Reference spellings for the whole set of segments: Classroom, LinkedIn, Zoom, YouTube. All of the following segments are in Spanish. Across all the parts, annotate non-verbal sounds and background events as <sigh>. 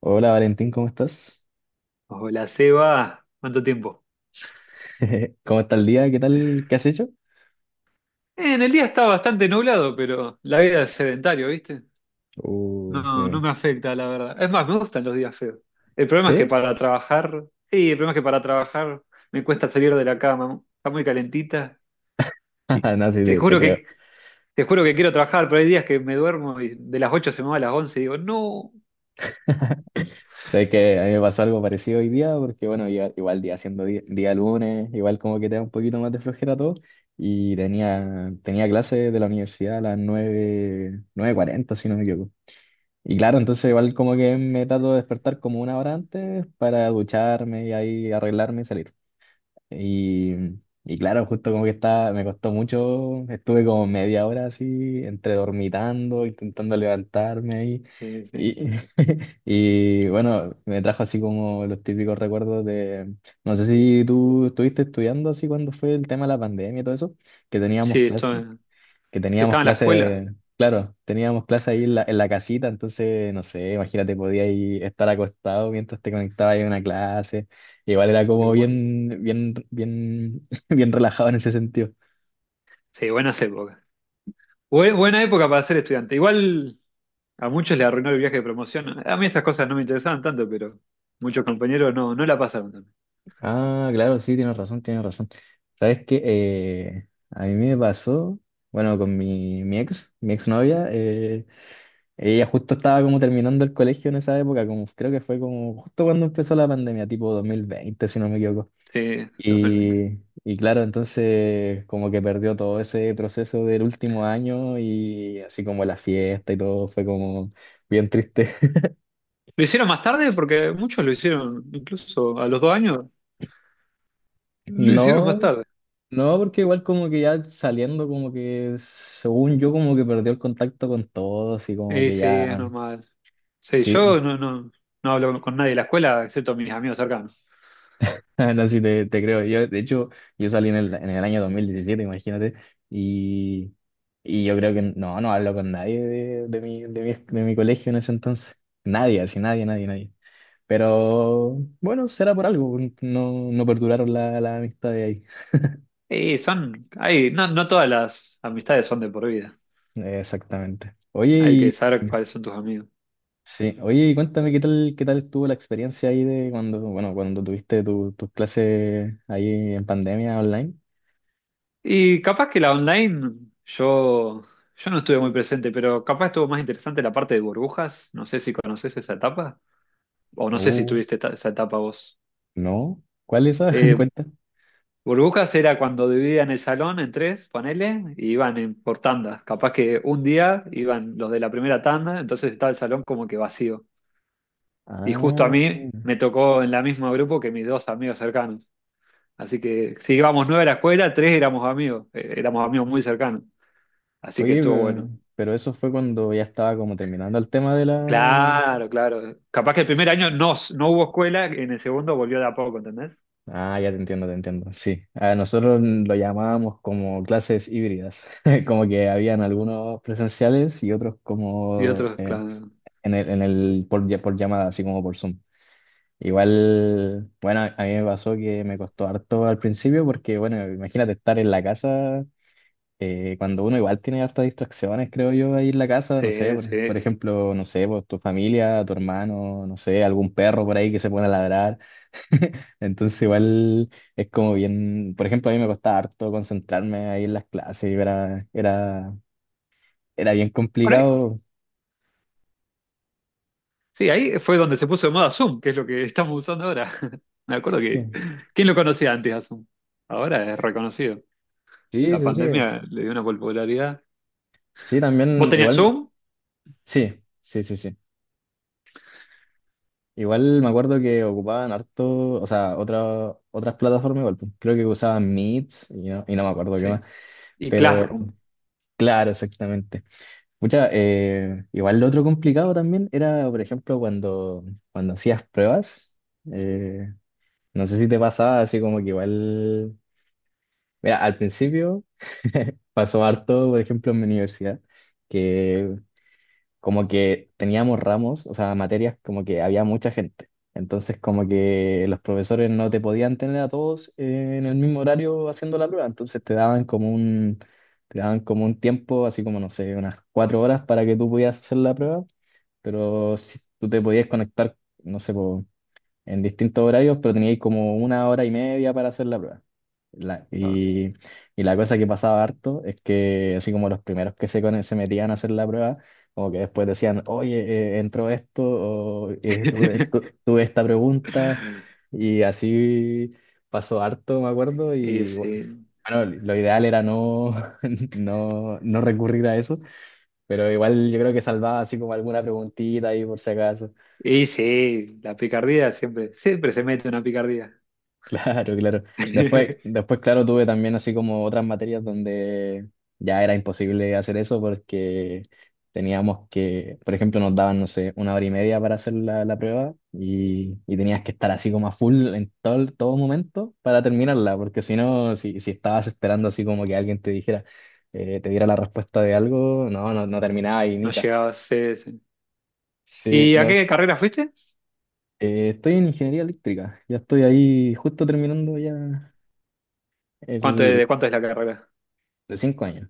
Hola Valentín, ¿cómo estás? Hola, Seba. ¿Cuánto tiempo? <laughs> ¿Cómo está el día? ¿Qué tal? ¿Qué has hecho? En el día está bastante nublado, pero la vida es sedentario, ¿viste? Uh, No, eh, no me afecta, la verdad. Es más, me gustan los días feos. El problema es que ¿Sí? para trabajar, sí, el problema es que para trabajar me cuesta salir de la cama. Está muy calentita y <laughs> No, sí, te te juro creo. que te juro que quiero trabajar, pero hay días que me duermo y de las 8 se me va a las 11 y digo, no. Sabes que a mí me pasó algo parecido hoy día, porque bueno, igual día siendo día, lunes, igual como que te da un poquito más de flojera todo, y tenía clase de la universidad a las nueve cuarenta si no me equivoco. Y claro, entonces igual como que me trato de despertar como una hora antes para ducharme y ahí arreglarme y salir. Y, y claro, justo como que estaba, me costó mucho, estuve como media hora así, entre dormitando, intentando levantarme ahí. Sí, Y, <laughs> y bueno, me trajo así como los típicos recuerdos de, no sé si tú estuviste estudiando así cuando fue el tema de la pandemia y todo eso, que teníamos Sí, clases, que sí, teníamos estaba en la escuela. clases, claro, teníamos clases ahí en la casita. Entonces, no sé, imagínate, podías ahí estar acostado mientras te conectabas ahí a una clase. Igual era como Bueno, bien, bien, bien, <laughs> bien relajado en ese sentido. sí, buenas épocas. Buena época para ser estudiante. Igual. A muchos le arruinó el viaje de promoción. A mí esas cosas no me interesaban tanto, pero muchos compañeros no, no la pasaron tan bien. Ah, claro, sí, tienes razón, tienes razón. ¿Sabes qué? A mí me pasó, bueno, con mi exnovia. Ella justo estaba como terminando el colegio en esa época, como creo que fue como justo cuando empezó la pandemia, tipo 2020 si no me equivoco. Sí, 2020. Y claro, entonces como que perdió todo ese proceso del último año y así como la fiesta y todo fue como bien triste. <laughs> Lo hicieron más tarde porque muchos lo hicieron, incluso a los 2 años, lo hicieron más No, tarde. no, porque igual como que ya saliendo como que según yo como que perdió el contacto con todos y como que Sí, es ya, normal. Sí, sí, yo no, no, no hablo con nadie de la escuela, excepto mis amigos cercanos. <laughs> no sé si te creo. Yo, de hecho, yo salí en el año 2017, imagínate, y, y yo creo que no, no hablo con nadie de mi colegio en ese entonces. Nadie, así nadie, nadie, nadie. Pero bueno, será por algo, no, no perduraron la amistad de ahí. Y son, hay, no, no todas las amistades son de por vida. Exactamente. Hay que saber cuáles son tus amigos. Sí, oye, y cuéntame qué tal estuvo la experiencia ahí de cuando, bueno, cuando tuviste tus clases ahí en pandemia online. Y capaz que la online, yo, yo no estuve muy presente, pero capaz estuvo más interesante la parte de burbujas. No sé si conoces esa etapa, o no sé si Uh, tuviste esa etapa vos. no. ¿Cuál es esa? <laughs> Eh, Cuenta. Burbujas era cuando dividían el salón en tres, ponele, y iban por tandas. Capaz que un día iban los de la primera tanda, entonces estaba el salón como que vacío. Y justo a Ah, mí me tocó en la misma grupo que mis dos amigos cercanos. Así que si íbamos nueve a la escuela, tres éramos amigos muy cercanos. Así que oye, estuvo bueno. pero eso fue cuando ya estaba como terminando el tema de la. Claro, claro. Capaz que el primer año no, no hubo escuela, en el segundo volvió de a poco, ¿entendés? Ah, ya te entiendo, te entiendo. Sí, a nosotros lo llamábamos como clases híbridas, <laughs> como que habían algunos presenciales y otros Y como otros, claro. En el por llamada, así como por Zoom. Igual, bueno, a mí me pasó que me costó harto al principio porque, bueno, imagínate estar en la casa, cuando uno igual tiene hartas distracciones, creo yo, ahí en la casa, no sé, Sí, por sí. ejemplo, no sé, pues, tu familia, tu hermano, no sé, algún perro por ahí que se pone a ladrar. <laughs> Entonces igual es como bien, por ejemplo, a mí me costaba harto concentrarme ahí en las clases, era bien Bueno, ahí- complicado. sí, ahí fue donde se puso de moda Zoom, que es lo que <laughs> estamos usando ahora. <laughs> Me acuerdo que, Sí, ¿quién lo conocía antes a Zoom? Ahora es reconocido. sí, La sí. Sí, pandemia le dio una popularidad. sí, ¿Vos también, tenías igual, Zoom? sí, sí, sí, sí. Igual me acuerdo que ocupaban harto, o sea, otras plataformas igual, pues, creo que usaban Meet y no me acuerdo qué más, Sí. Y pero Classroom, claro, exactamente. Igual lo otro complicado también era, por ejemplo, cuando hacías pruebas. eh, No sé si te pasaba así como que igual, mira, al principio <laughs> pasó harto, por ejemplo, en mi universidad, que como que teníamos ramos, o sea, materias, como que había mucha gente. Entonces como que los profesores no te podían tener a todos en el mismo horario haciendo la prueba, entonces te daban como un tiempo, así como, no sé, unas 4 horas para que tú pudieras hacer la prueba, pero si tú te podías conectar, no sé, por en distintos horarios, pero teníais como una hora y media para hacer la prueba. La- claro. y, y la cosa que pasaba harto es que así como los primeros que se metían a hacer la prueba, como que después decían, oye, entró esto, o <laughs> tuve esta pregunta, y así pasó harto, me acuerdo, Y y sí, bueno, lo ideal era no, <laughs> no, no recurrir a eso, pero igual yo creo que salvaba así como alguna preguntita ahí por si acaso. y sí, la picardía siempre, siempre se mete una picardía. Claro, claro. Después, <laughs> después, claro, tuve también así como otras materias donde ya era imposible hacer eso porque teníamos que, por ejemplo, nos daban, no sé, una hora y media para hacer la prueba, y tenías que estar así como a full en todo, todo momento para terminarla, porque si no, si estabas esperando así como que alguien te dijera, te diera la respuesta de algo, no, no, no terminaba y No nica. llegaba a ser. Sí, ¿Y a no. qué carrera fuiste? Estoy en ingeniería eléctrica, ya estoy ahí justo terminando ya. El, De cuánto es la carrera? De 5 años.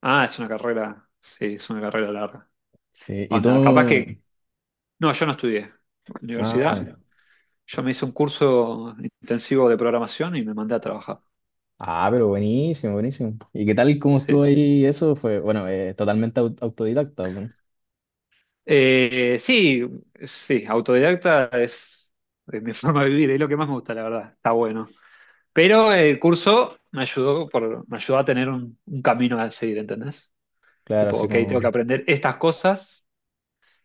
Ah, es una carrera. Sí, es una carrera larga. Sí, y Onda, capaz que. tú... No, yo no estudié. Universidad. Ah, Yo me hice un curso intensivo de programación y me mandé a trabajar. ah, pero buenísimo, buenísimo. ¿Y qué tal cómo estuvo Sí. ahí? Eso fue, bueno, totalmente autodidacta, pues. Sí, sí, autodidacta es mi <laughs> forma de vivir, es lo que más me gusta, la verdad. Está bueno. Pero el curso me ayudó, me ayudó a tener un camino a seguir, ¿entendés? Claro, Tipo, así ok, como... tengo que aprender estas cosas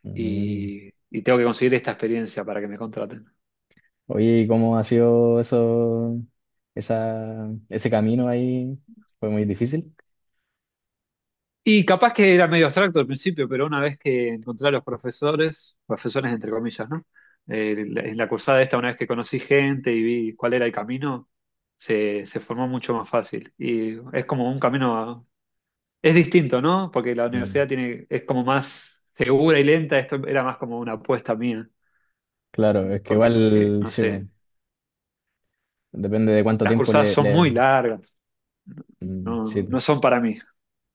Mm. y tengo que conseguir esta experiencia para que me contraten. Oye, ¿y cómo ha sido eso, ese camino ahí? ¿Fue muy difícil? Y capaz que era medio abstracto al principio, pero una vez que encontré a los profesores, profesores entre comillas, ¿no? En la cursada esta, una vez que conocí gente y vi cuál era el camino, se formó mucho más fácil. Y es como un camino, es distinto, ¿no? Porque la Mm. universidad tiene, es como más segura y lenta, esto era más como una apuesta mía, Claro, es que porque, igual, no sí, pues, sé, depende de cuánto las tiempo cursadas son muy largas, Mm, no, no sí, son para mí.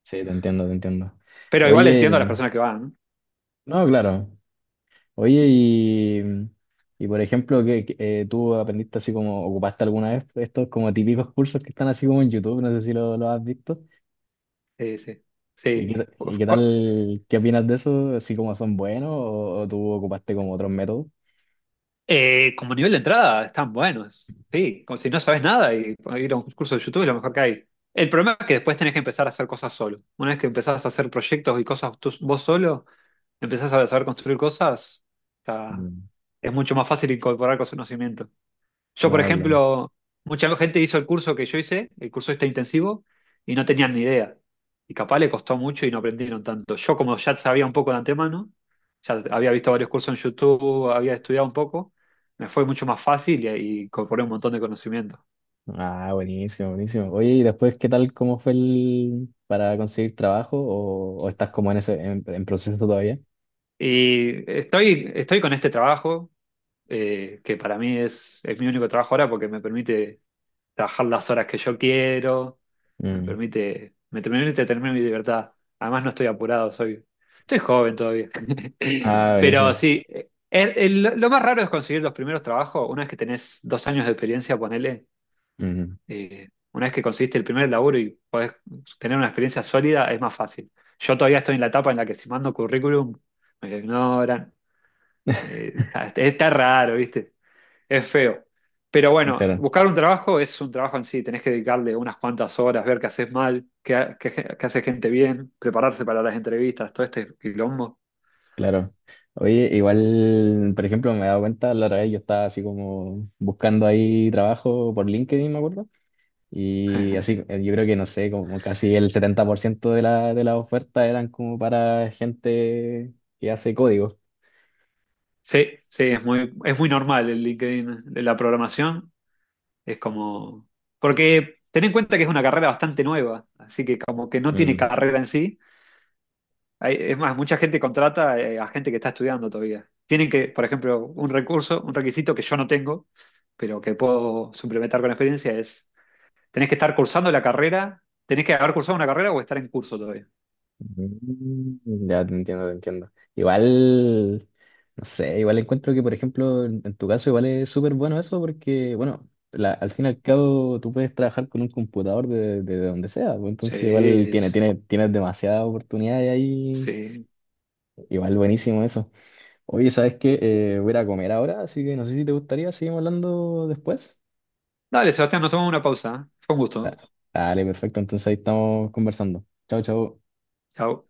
sí, te entiendo, te entiendo. Pero igual entiendo a las Oye, personas que van, ¿no? no, claro. Oye, y, por ejemplo, ¿Tú aprendiste así como, ocupaste alguna vez estos como típicos cursos que están así como en YouTube? No sé si lo has visto. Sí, sí, Y sí. qué, Uf, tal, qué opinas de eso? ¿Así como son buenos, o tú ocupaste como otros métodos? Como nivel de entrada están buenos, sí, como si no sabes nada y ir a un curso de YouTube es lo mejor que hay. El problema es que después tenés que empezar a hacer cosas solo. Una vez que empezás a hacer proyectos y cosas vos solo, empezás a saber construir cosas, ya Mm, es mucho más fácil incorporar conocimiento. Yo, no, por claro. ejemplo, mucha gente hizo el curso que yo hice, el curso este intensivo, y no tenían ni idea. Y capaz le costó mucho y no aprendieron tanto. Yo, como ya sabía un poco de antemano, ya había visto varios cursos en YouTube, había estudiado un poco, me fue mucho más fácil y incorporé un montón de conocimiento. Ah, buenísimo, buenísimo. Oye, y después, ¿qué tal, cómo fue el, para conseguir trabajo o estás como en en proceso todavía? Y estoy con este trabajo, que para mí es mi único trabajo ahora porque me permite trabajar las horas que yo quiero, me Mm. permite, me permite tener mi libertad. Además no estoy apurado, estoy joven todavía. Ah, <laughs> Pero buenísimo. sí, lo más raro es conseguir los primeros trabajos, una vez que tenés 2 años de experiencia, ponele, Ujú. Una vez que conseguiste el primer laburo y podés tener una experiencia sólida, es más fácil. Yo todavía estoy en la etapa en la que si mando currículum, me lo ignoran. Está raro, ¿viste? Es feo. Pero bueno, Claro. buscar un trabajo es un trabajo en sí. Tenés que dedicarle unas cuantas horas, ver qué haces mal, qué hace gente bien, prepararse para las entrevistas, todo este quilombo. Claro. Oye, igual, por ejemplo, me he dado cuenta, la otra vez yo estaba así como buscando ahí trabajo por LinkedIn, me acuerdo, y <laughs> así, yo creo que no sé, como casi el 70% de la, de las ofertas eran como para gente que hace código. Sí, sí, es muy normal el LinkedIn de la programación. Es como. Porque ten en cuenta que es una carrera bastante nueva, así que como que no tiene Mm. carrera en sí. Es más, mucha gente contrata a gente que está estudiando todavía. Tienen que, por ejemplo, un requisito que yo no tengo, pero que puedo suplementar con experiencia es, tenés que estar cursando la carrera, tenés que haber cursado una carrera o estar en curso todavía. Mm, ya te entiendo, te entiendo. Igual, no sé, igual encuentro que, por ejemplo, en tu caso igual es súper bueno eso porque, bueno, al fin y al cabo tú puedes trabajar con un computador de donde sea, pues, Sí, entonces igual tienes demasiadas oportunidades ahí, sí. igual buenísimo eso. Oye, ¿sabes qué? Voy a ir a comer ahora, así que no sé si te gustaría, seguimos hablando después. Dale, Sebastián, nos tomamos una pausa. ¿Eh? Fue un Da- gusto. Dale, perfecto, entonces ahí estamos conversando. Chao, chao. Chau.